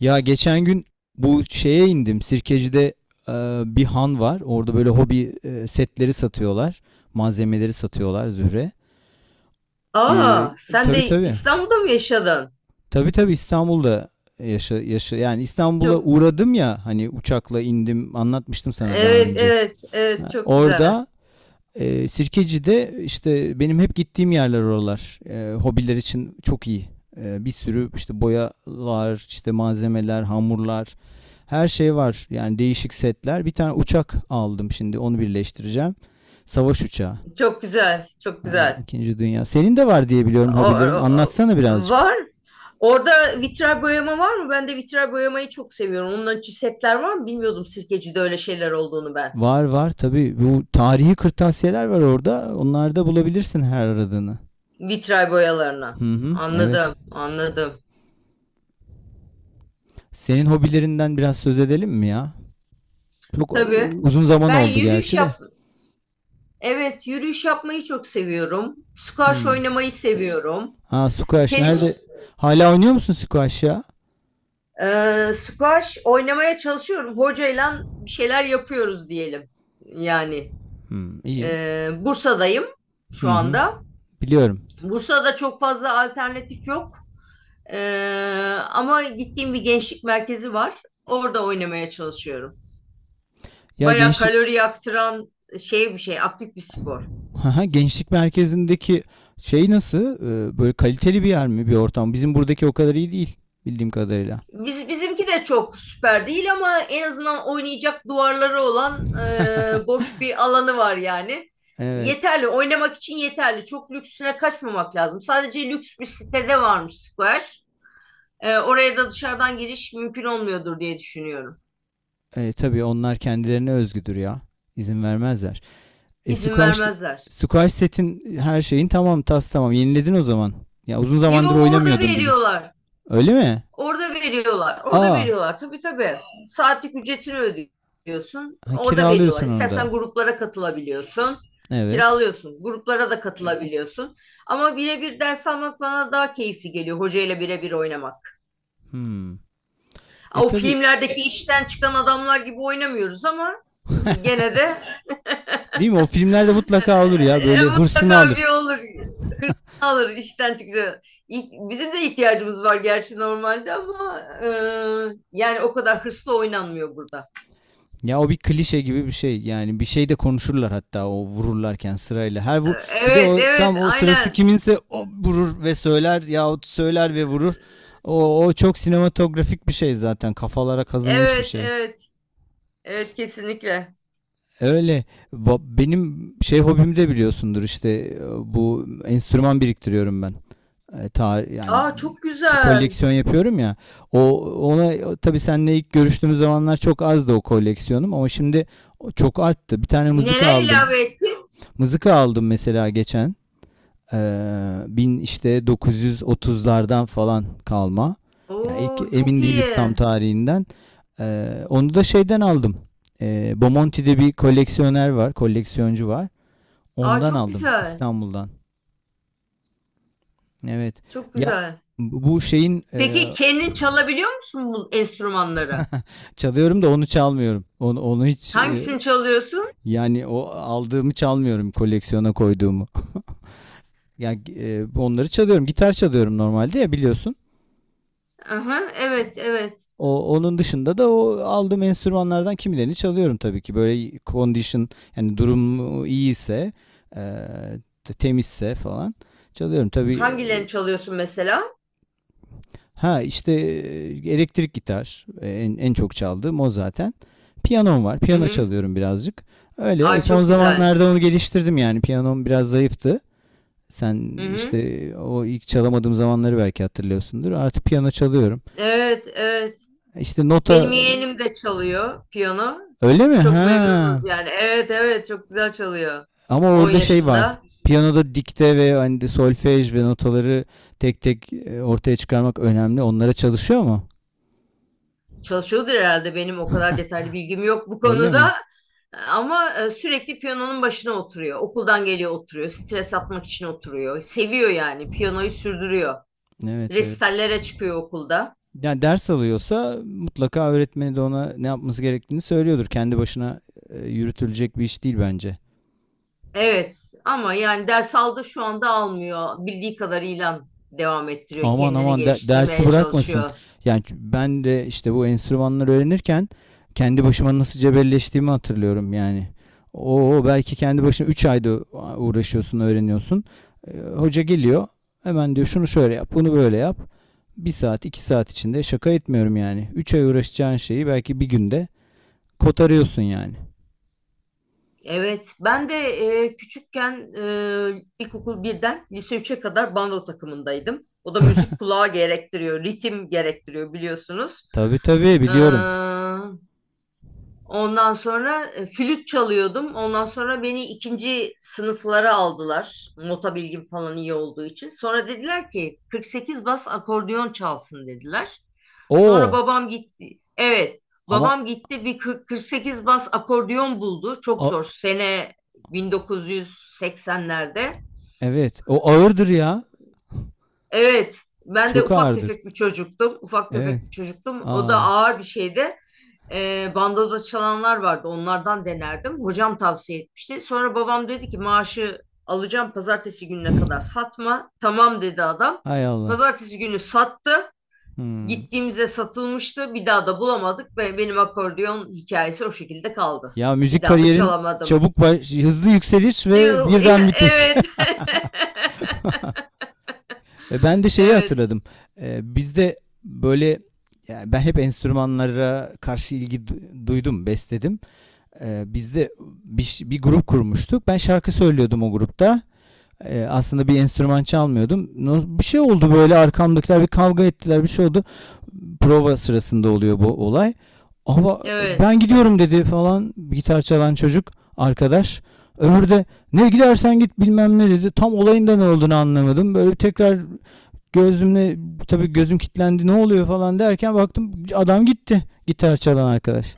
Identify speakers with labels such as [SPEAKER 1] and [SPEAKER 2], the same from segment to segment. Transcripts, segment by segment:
[SPEAKER 1] Ya geçen gün bu şeye indim. Sirkeci'de e, bir han var. Orada böyle hobi setleri satıyorlar. Malzemeleri satıyorlar Zühre.
[SPEAKER 2] Aa,
[SPEAKER 1] E,
[SPEAKER 2] sen
[SPEAKER 1] tabii
[SPEAKER 2] de
[SPEAKER 1] tabii.
[SPEAKER 2] İstanbul'da mı yaşadın?
[SPEAKER 1] Tabii tabii İstanbul'da yaşa yani İstanbul'a
[SPEAKER 2] Çok
[SPEAKER 1] uğradım ya hani uçakla indim, anlatmıştım sana daha
[SPEAKER 2] evet
[SPEAKER 1] önce.
[SPEAKER 2] evet evet
[SPEAKER 1] Ha,
[SPEAKER 2] çok güzel.
[SPEAKER 1] orada Sirkeci'de işte benim hep gittiğim yerler oralar. Hobiler için çok iyi. Bir sürü işte boyalar, işte malzemeler, hamurlar, her şey var. Yani değişik setler. Bir tane uçak aldım, şimdi onu birleştireceğim. Savaş uçağı.
[SPEAKER 2] Çok güzel. Çok
[SPEAKER 1] Ha,
[SPEAKER 2] güzel.
[SPEAKER 1] İkinci Dünya. Senin de var diye biliyorum
[SPEAKER 2] O,
[SPEAKER 1] hobilerin.
[SPEAKER 2] o-
[SPEAKER 1] Anlatsana
[SPEAKER 2] o
[SPEAKER 1] birazcık.
[SPEAKER 2] var. Orada vitray boyama var mı? Ben de vitray boyamayı çok seviyorum. Onların için setler var mı? Bilmiyordum Sirkeci'de öyle şeyler olduğunu ben.
[SPEAKER 1] Var var tabii. Bu tarihi kırtasiyeler var orada. Onlarda bulabilirsin her aradığını.
[SPEAKER 2] Vitray boyalarına.
[SPEAKER 1] Hı hı, evet.
[SPEAKER 2] Anladım, anladım.
[SPEAKER 1] Senin hobilerinden biraz söz edelim mi ya? Çok
[SPEAKER 2] Tabii.
[SPEAKER 1] uzun zaman
[SPEAKER 2] Ben
[SPEAKER 1] oldu
[SPEAKER 2] yürüyüş
[SPEAKER 1] gerçi de.
[SPEAKER 2] yap, evet, yürüyüş yapmayı çok seviyorum. Squash
[SPEAKER 1] Hmm.
[SPEAKER 2] oynamayı seviyorum.
[SPEAKER 1] Aa, squash nerede?
[SPEAKER 2] Tenis.
[SPEAKER 1] Hala oynuyor musun squash ya?
[SPEAKER 2] Squash oynamaya çalışıyorum. Hocayla bir şeyler yapıyoruz diyelim. Yani
[SPEAKER 1] Hmm, iyi.
[SPEAKER 2] Bursa'dayım
[SPEAKER 1] Hı
[SPEAKER 2] şu
[SPEAKER 1] hı.
[SPEAKER 2] anda.
[SPEAKER 1] Biliyorum.
[SPEAKER 2] Bursa'da çok fazla alternatif yok. Ee, ama gittiğim bir gençlik merkezi var. Orada oynamaya çalışıyorum.
[SPEAKER 1] Ya
[SPEAKER 2] Baya
[SPEAKER 1] gençlik.
[SPEAKER 2] kalori yaktıran bir şey, aktif bir spor.
[SPEAKER 1] Haha, gençlik merkezindeki şey nasıl? Böyle kaliteli bir yer mi, bir ortam? Bizim buradaki o kadar iyi değil bildiğim kadarıyla.
[SPEAKER 2] Bizimki de çok süper değil ama en azından oynayacak duvarları olan boş bir alanı var yani.
[SPEAKER 1] Evet.
[SPEAKER 2] Yeterli, oynamak için yeterli. Çok lüksüne kaçmamak lazım. Sadece lüks bir sitede varmış squash. Oraya da dışarıdan giriş mümkün olmuyordur diye düşünüyorum.
[SPEAKER 1] E, tabii onlar kendilerine özgüdür ya. İzin vermezler. E
[SPEAKER 2] İzin
[SPEAKER 1] squash
[SPEAKER 2] vermezler.
[SPEAKER 1] squash setin her şeyin tamam, tas tamam. Yeniledin o zaman. Ya uzun zamandır
[SPEAKER 2] Yo, orada
[SPEAKER 1] oynamıyordun bilim.
[SPEAKER 2] veriyorlar.
[SPEAKER 1] Öyle mi?
[SPEAKER 2] Orada veriyorlar. Orada
[SPEAKER 1] Aa,
[SPEAKER 2] veriyorlar. Tabii tabii. Saatlik ücretini ödüyorsun.
[SPEAKER 1] ha,
[SPEAKER 2] Orada veriyorlar.
[SPEAKER 1] kiralıyorsun onu
[SPEAKER 2] İstersen
[SPEAKER 1] da.
[SPEAKER 2] gruplara katılabiliyorsun.
[SPEAKER 1] Evet.
[SPEAKER 2] Kiralıyorsun. Gruplara da katılabiliyorsun. Ama birebir ders almak bana daha keyifli geliyor. Hocayla birebir oynamak.
[SPEAKER 1] Hmm. E
[SPEAKER 2] O
[SPEAKER 1] tabii,
[SPEAKER 2] filmlerdeki işten çıkan adamlar gibi oynamıyoruz ama gene de
[SPEAKER 1] değil mi? O filmlerde mutlaka olur ya böyle, hırsını
[SPEAKER 2] mutlaka
[SPEAKER 1] alır.
[SPEAKER 2] bir olur. Alır işten çıkacak. Bizim de ihtiyacımız var gerçi normalde ama yani o kadar hırslı oynanmıyor burada.
[SPEAKER 1] Ya o bir klişe gibi bir şey. Yani bir şey de konuşurlar hatta o vururlarken sırayla. Her vur, bir de
[SPEAKER 2] Evet,
[SPEAKER 1] o
[SPEAKER 2] evet,
[SPEAKER 1] tam o sırası
[SPEAKER 2] aynen.
[SPEAKER 1] kiminse o vurur ve söyler yahut söyler ve vurur. O çok sinematografik bir şey zaten. Kafalara kazınmış bir
[SPEAKER 2] Evet,
[SPEAKER 1] şey.
[SPEAKER 2] evet. Evet, kesinlikle.
[SPEAKER 1] Öyle. Benim şey hobim de biliyorsundur işte, bu enstrüman biriktiriyorum ben. Yani
[SPEAKER 2] Aa, çok güzel.
[SPEAKER 1] koleksiyon yapıyorum ya. O, ona tabii seninle ilk görüştüğümüz zamanlar çok azdı o koleksiyonum ama şimdi çok arttı. Bir tane mızıka
[SPEAKER 2] Neler
[SPEAKER 1] aldım.
[SPEAKER 2] ilave ettin?
[SPEAKER 1] Mızıka aldım mesela geçen. Ee, işte 930'lardan falan kalma. Yani ilk,
[SPEAKER 2] Oo, çok
[SPEAKER 1] emin değiliz tam
[SPEAKER 2] iyi.
[SPEAKER 1] tarihinden. Onu da şeyden aldım. Bomonti'de bir koleksiyoner var, koleksiyoncu var.
[SPEAKER 2] Aa,
[SPEAKER 1] Ondan
[SPEAKER 2] çok
[SPEAKER 1] aldım,
[SPEAKER 2] güzel.
[SPEAKER 1] İstanbul'dan. Evet.
[SPEAKER 2] Çok
[SPEAKER 1] Ya
[SPEAKER 2] güzel.
[SPEAKER 1] bu şeyin e,
[SPEAKER 2] Peki kendin çalabiliyor musun bu enstrümanları?
[SPEAKER 1] Çalıyorum da onu çalmıyorum. Onu hiç,
[SPEAKER 2] Hangisini çalıyorsun?
[SPEAKER 1] yani o aldığımı çalmıyorum, koleksiyona koyduğumu. Yani onları çalıyorum. Gitar çalıyorum normalde ya, biliyorsun.
[SPEAKER 2] Aha, evet, evet.
[SPEAKER 1] Onun dışında da o aldığım enstrümanlardan kimilerini çalıyorum tabii ki. Böyle condition, yani durum iyiyse, e, temizse falan çalıyorum. Tabii.
[SPEAKER 2] Hangilerini çalıyorsun mesela?
[SPEAKER 1] Ha işte, elektrik gitar, en çok çaldığım o zaten. Piyanom var.
[SPEAKER 2] Hı
[SPEAKER 1] Piyano
[SPEAKER 2] hı.
[SPEAKER 1] çalıyorum birazcık. Öyle
[SPEAKER 2] Ay,
[SPEAKER 1] son
[SPEAKER 2] çok güzel.
[SPEAKER 1] zamanlarda onu geliştirdim yani. Piyanom biraz zayıftı.
[SPEAKER 2] Hı
[SPEAKER 1] Sen
[SPEAKER 2] hı.
[SPEAKER 1] işte o ilk çalamadığım zamanları belki hatırlıyorsundur. Artık piyano çalıyorum.
[SPEAKER 2] Evet, evet.
[SPEAKER 1] İşte
[SPEAKER 2] Benim
[SPEAKER 1] nota.
[SPEAKER 2] yeğenim de çalıyor piyano.
[SPEAKER 1] Öyle mi?
[SPEAKER 2] Çok
[SPEAKER 1] Ha.
[SPEAKER 2] memnunuz yani. Evet, evet, çok güzel çalıyor.
[SPEAKER 1] Ama
[SPEAKER 2] 10
[SPEAKER 1] orada şey var.
[SPEAKER 2] yaşında.
[SPEAKER 1] Piyanoda dikte ve hani de solfej ve notaları tek tek, ortaya çıkarmak önemli. Onlara çalışıyor mu?
[SPEAKER 2] Çalışıyordur herhalde, benim o kadar detaylı bilgim yok bu
[SPEAKER 1] Öyle mi?
[SPEAKER 2] konuda. Ama sürekli piyanonun başına oturuyor. Okuldan geliyor oturuyor. Stres atmak için oturuyor. Seviyor yani. Piyanoyu sürdürüyor.
[SPEAKER 1] Evet evet.
[SPEAKER 2] Resitallere çıkıyor okulda.
[SPEAKER 1] Yani ders alıyorsa mutlaka öğretmeni de ona ne yapması gerektiğini söylüyordur. Kendi başına yürütülecek bir iş değil bence.
[SPEAKER 2] Evet, ama yani ders aldı, şu anda almıyor. Bildiği kadarıyla devam ettiriyor.
[SPEAKER 1] Aman
[SPEAKER 2] Kendini
[SPEAKER 1] aman dersi
[SPEAKER 2] geliştirmeye
[SPEAKER 1] bırakmasın.
[SPEAKER 2] çalışıyor.
[SPEAKER 1] Yani ben de işte bu enstrümanları öğrenirken kendi başıma nasıl cebelleştiğimi hatırlıyorum yani. O belki kendi başına 3 ayda uğraşıyorsun, öğreniyorsun. E, hoca geliyor. Hemen diyor şunu şöyle yap, bunu böyle yap. Bir saat, iki saat içinde, şaka etmiyorum yani, üç ay uğraşacağın şeyi belki bir günde kotarıyorsun yani.
[SPEAKER 2] Evet, ben de küçükken ilkokul birden lise 3'e kadar bando takımındaydım. O da müzik kulağı gerektiriyor, ritim gerektiriyor biliyorsunuz.
[SPEAKER 1] Tabii tabii biliyorum.
[SPEAKER 2] Ondan sonra flüt çalıyordum. Ondan sonra beni ikinci sınıflara aldılar. Nota bilgim falan iyi olduğu için. Sonra dediler ki 48 bas akordeon çalsın dediler. Sonra
[SPEAKER 1] Oo,
[SPEAKER 2] babam gitti. Evet,
[SPEAKER 1] ama
[SPEAKER 2] babam gitti, bir 40 48 bas akordeon buldu. Çok
[SPEAKER 1] a-
[SPEAKER 2] zor. Sene 1980'lerde.
[SPEAKER 1] evet o ağırdır ya.
[SPEAKER 2] Evet, ben de
[SPEAKER 1] Çok
[SPEAKER 2] ufak
[SPEAKER 1] ağırdır.
[SPEAKER 2] tefek bir çocuktum. Ufak
[SPEAKER 1] Evet.
[SPEAKER 2] tefek bir çocuktum. O da
[SPEAKER 1] Aa.
[SPEAKER 2] ağır bir şeydi. Bandoda çalanlar vardı. Onlardan denerdim. Hocam tavsiye etmişti. Sonra babam dedi ki maaşı alacağım pazartesi gününe kadar satma. Tamam dedi adam.
[SPEAKER 1] Hay Allah.
[SPEAKER 2] Pazartesi günü sattı.
[SPEAKER 1] Hmm.
[SPEAKER 2] Gittiğimizde satılmıştı. Bir daha da bulamadık ve benim akordeon hikayesi o şekilde kaldı.
[SPEAKER 1] Ya
[SPEAKER 2] Bir
[SPEAKER 1] müzik
[SPEAKER 2] daha da
[SPEAKER 1] kariyerin
[SPEAKER 2] çalamadım.
[SPEAKER 1] çabuk hızlı yükseliş ve birden bitiş.
[SPEAKER 2] Evet.
[SPEAKER 1] E, ben de şeyi hatırladım.
[SPEAKER 2] Evet.
[SPEAKER 1] E, bizde böyle, yani ben hep enstrümanlara karşı ilgi duydum, besledim. E, bizde bir grup kurmuştuk. Ben şarkı söylüyordum o grupta. Aslında bir enstrüman çalmıyordum. Bir şey oldu, böyle arkamdakiler bir kavga ettiler, bir şey oldu. Prova sırasında oluyor bu olay. Ama
[SPEAKER 2] Evet.
[SPEAKER 1] ben gidiyorum dedi falan, gitar çalan çocuk arkadaş. Öbürü de ne gidersen git bilmem ne dedi. Tam olayın da ne olduğunu anlamadım. Böyle tekrar gözümle, tabii gözüm kilitlendi, ne oluyor falan derken baktım adam gitti, gitar çalan arkadaş.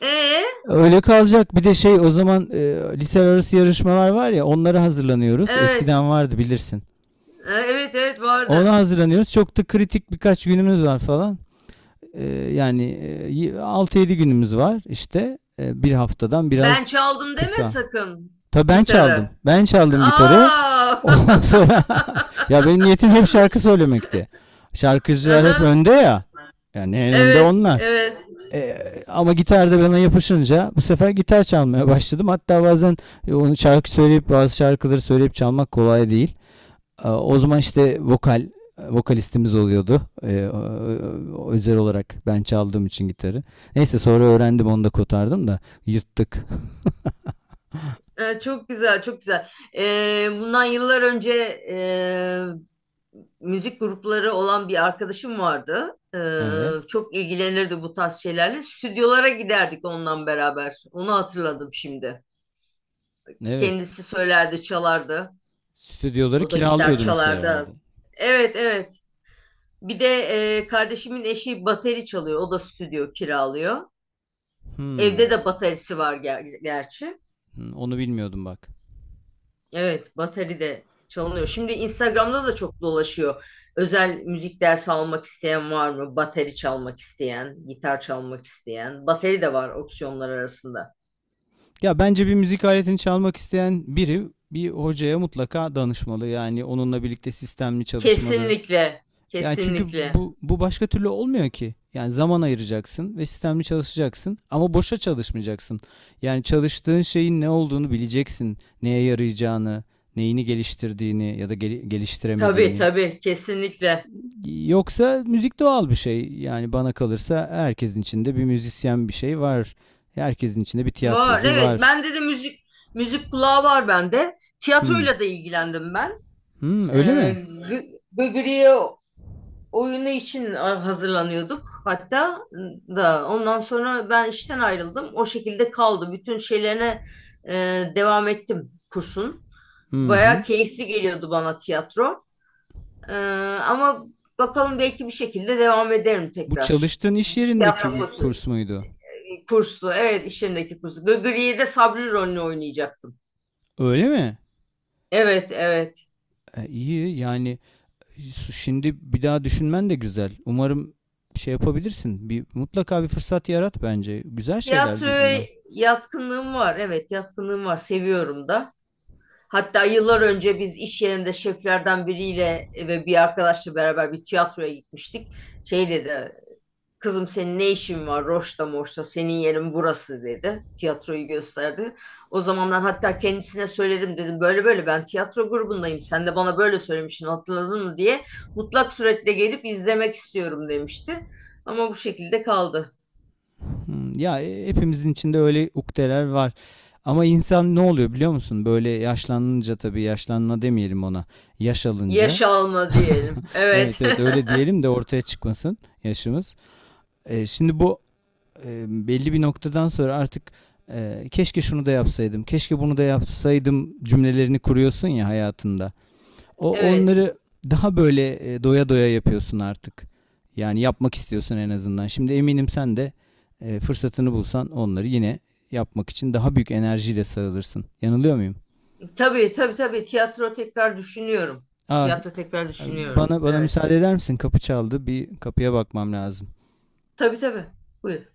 [SPEAKER 2] Evet.
[SPEAKER 1] Öyle kalacak. Bir de şey o zaman, lise arası yarışmalar var ya, onlara hazırlanıyoruz.
[SPEAKER 2] Ee,
[SPEAKER 1] Eskiden vardı, bilirsin.
[SPEAKER 2] evet, evet
[SPEAKER 1] Ona
[SPEAKER 2] vardı.
[SPEAKER 1] hazırlanıyoruz. Çok da kritik birkaç günümüz var falan. Yedi günümüz var işte. Bir haftadan
[SPEAKER 2] Ben
[SPEAKER 1] biraz
[SPEAKER 2] çaldım deme
[SPEAKER 1] kısa.
[SPEAKER 2] sakın
[SPEAKER 1] Tabii ben çaldım.
[SPEAKER 2] gitarı.
[SPEAKER 1] Ben çaldım gitarı.
[SPEAKER 2] Aa!
[SPEAKER 1] Ondan sonra ya benim niyetim hep şarkı söylemekti. Şarkıcılar hep
[SPEAKER 2] Aha.
[SPEAKER 1] önde ya. Yani en önde
[SPEAKER 2] Evet,
[SPEAKER 1] onlar.
[SPEAKER 2] evet.
[SPEAKER 1] Ee, Ama gitarda bana yapışınca bu sefer gitar çalmaya başladım. Hatta bazen onu şarkı söyleyip, bazı şarkıları söyleyip çalmak kolay değil. O zaman işte vokalistimiz oluyordu. Özel olarak ben çaldığım için gitarı. Neyse sonra öğrendim, onu da kotardım da yırttık.
[SPEAKER 2] Çok güzel, çok güzel. Bundan yıllar önce e, müzik grupları olan bir arkadaşım vardı.
[SPEAKER 1] Evet.
[SPEAKER 2] Çok ilgilenirdi bu tarz şeylerle. Stüdyolara giderdik ondan beraber. Onu hatırladım şimdi.
[SPEAKER 1] Evet.
[SPEAKER 2] Kendisi söylerdi, çalardı.
[SPEAKER 1] Stüdyoları
[SPEAKER 2] O da gitar
[SPEAKER 1] kiralıyordunuz herhalde.
[SPEAKER 2] çalardı. Evet, evet. Bir de kardeşimin eşi bateri çalıyor. O da stüdyo kiralıyor.
[SPEAKER 1] Hmm.
[SPEAKER 2] Evde de baterisi var gerçi.
[SPEAKER 1] Hmm, onu bilmiyordum bak.
[SPEAKER 2] Evet, bateri de çalınıyor. Şimdi Instagram'da da çok dolaşıyor. Özel müzik dersi almak isteyen var mı? Bateri çalmak isteyen, gitar çalmak isteyen. Bateri de var opsiyonlar arasında.
[SPEAKER 1] Ya bence bir müzik aletini çalmak isteyen biri bir hocaya mutlaka danışmalı. Yani onunla birlikte sistemli çalışmalı.
[SPEAKER 2] Kesinlikle,
[SPEAKER 1] Yani çünkü
[SPEAKER 2] kesinlikle.
[SPEAKER 1] bu başka türlü olmuyor ki. Yani zaman ayıracaksın ve sistemli çalışacaksın, ama boşa çalışmayacaksın. Yani çalıştığın şeyin ne olduğunu bileceksin. Neye yarayacağını, neyini geliştirdiğini ya da
[SPEAKER 2] Tabii
[SPEAKER 1] geliştiremediğini.
[SPEAKER 2] tabii, kesinlikle.
[SPEAKER 1] Yoksa müzik doğal bir şey. Yani bana kalırsa herkesin içinde bir müzisyen bir şey var. Herkesin içinde bir
[SPEAKER 2] Var,
[SPEAKER 1] tiyatrocu
[SPEAKER 2] evet.
[SPEAKER 1] var.
[SPEAKER 2] Bende de müzik kulağı var bende.
[SPEAKER 1] Hmm.
[SPEAKER 2] Tiyatroyla da ilgilendim ben.
[SPEAKER 1] Hmm, öyle
[SPEAKER 2] Ee,
[SPEAKER 1] mi?
[SPEAKER 2] Gıgırı'yı oyunu için hazırlanıyorduk, hatta da ondan sonra ben işten ayrıldım. O şekilde kaldı. Bütün şeylerine e, devam ettim kursun.
[SPEAKER 1] Hı
[SPEAKER 2] Bayağı
[SPEAKER 1] hı.
[SPEAKER 2] keyifli geliyordu bana tiyatro. E, ama bakalım, belki bir şekilde devam ederim
[SPEAKER 1] Bu
[SPEAKER 2] tekrar.
[SPEAKER 1] çalıştığın iş yerindeki
[SPEAKER 2] Tiyatro
[SPEAKER 1] bir
[SPEAKER 2] kursu.
[SPEAKER 1] kurs muydu?
[SPEAKER 2] Kurslu. Evet, iş yerindeki kursu. Gıgırı'yı de Sabri rolünü oynayacaktım.
[SPEAKER 1] Öyle mi?
[SPEAKER 2] Evet, evet.
[SPEAKER 1] E, iyi yani, şimdi bir daha düşünmen de güzel. Umarım şey yapabilirsin. Bir, mutlaka bir fırsat yarat bence. Güzel şeyler değil
[SPEAKER 2] Tiyatroya
[SPEAKER 1] bunlar.
[SPEAKER 2] yatkınlığım var. Evet, yatkınlığım var. Seviyorum da. Hatta yıllar önce biz iş yerinde şeflerden biriyle ve bir arkadaşla beraber bir tiyatroya gitmiştik. Şey dedi, kızım senin ne işin var Roş'ta Moş'ta, senin yerin burası dedi. Tiyatroyu gösterdi. O zamandan hatta kendisine söyledim, dedim böyle böyle ben tiyatro grubundayım. Sen de bana böyle söylemiştin, hatırladın mı diye. Mutlak suretle gelip izlemek istiyorum demişti. Ama bu şekilde kaldı.
[SPEAKER 1] Hmm, ya hepimizin içinde öyle ukdeler var. Ama insan ne oluyor biliyor musun? Böyle yaşlanınca, tabii yaşlanma demeyelim ona. Yaş alınca.
[SPEAKER 2] Yaş alma diyelim. Evet.
[SPEAKER 1] Evet evet öyle diyelim de ortaya çıkmasın yaşımız. Şimdi bu, belli bir noktadan sonra artık, keşke şunu da yapsaydım, keşke bunu da yapsaydım cümlelerini kuruyorsun ya hayatında. O
[SPEAKER 2] Evet.
[SPEAKER 1] onları daha böyle, doya doya yapıyorsun artık. Yani yapmak istiyorsun en azından. Şimdi eminim sen de, fırsatını bulsan onları yine yapmak için daha büyük enerjiyle sarılırsın. Yanılıyor muyum?
[SPEAKER 2] Tabii tabii tabii. Tiyatro tekrar düşünüyorum.
[SPEAKER 1] Ah,
[SPEAKER 2] Tiyatro tekrar düşünüyorum.
[SPEAKER 1] bana
[SPEAKER 2] Evet.
[SPEAKER 1] müsaade eder misin? Kapı çaldı. Bir kapıya bakmam lazım.
[SPEAKER 2] Tabii tabii. Buyur.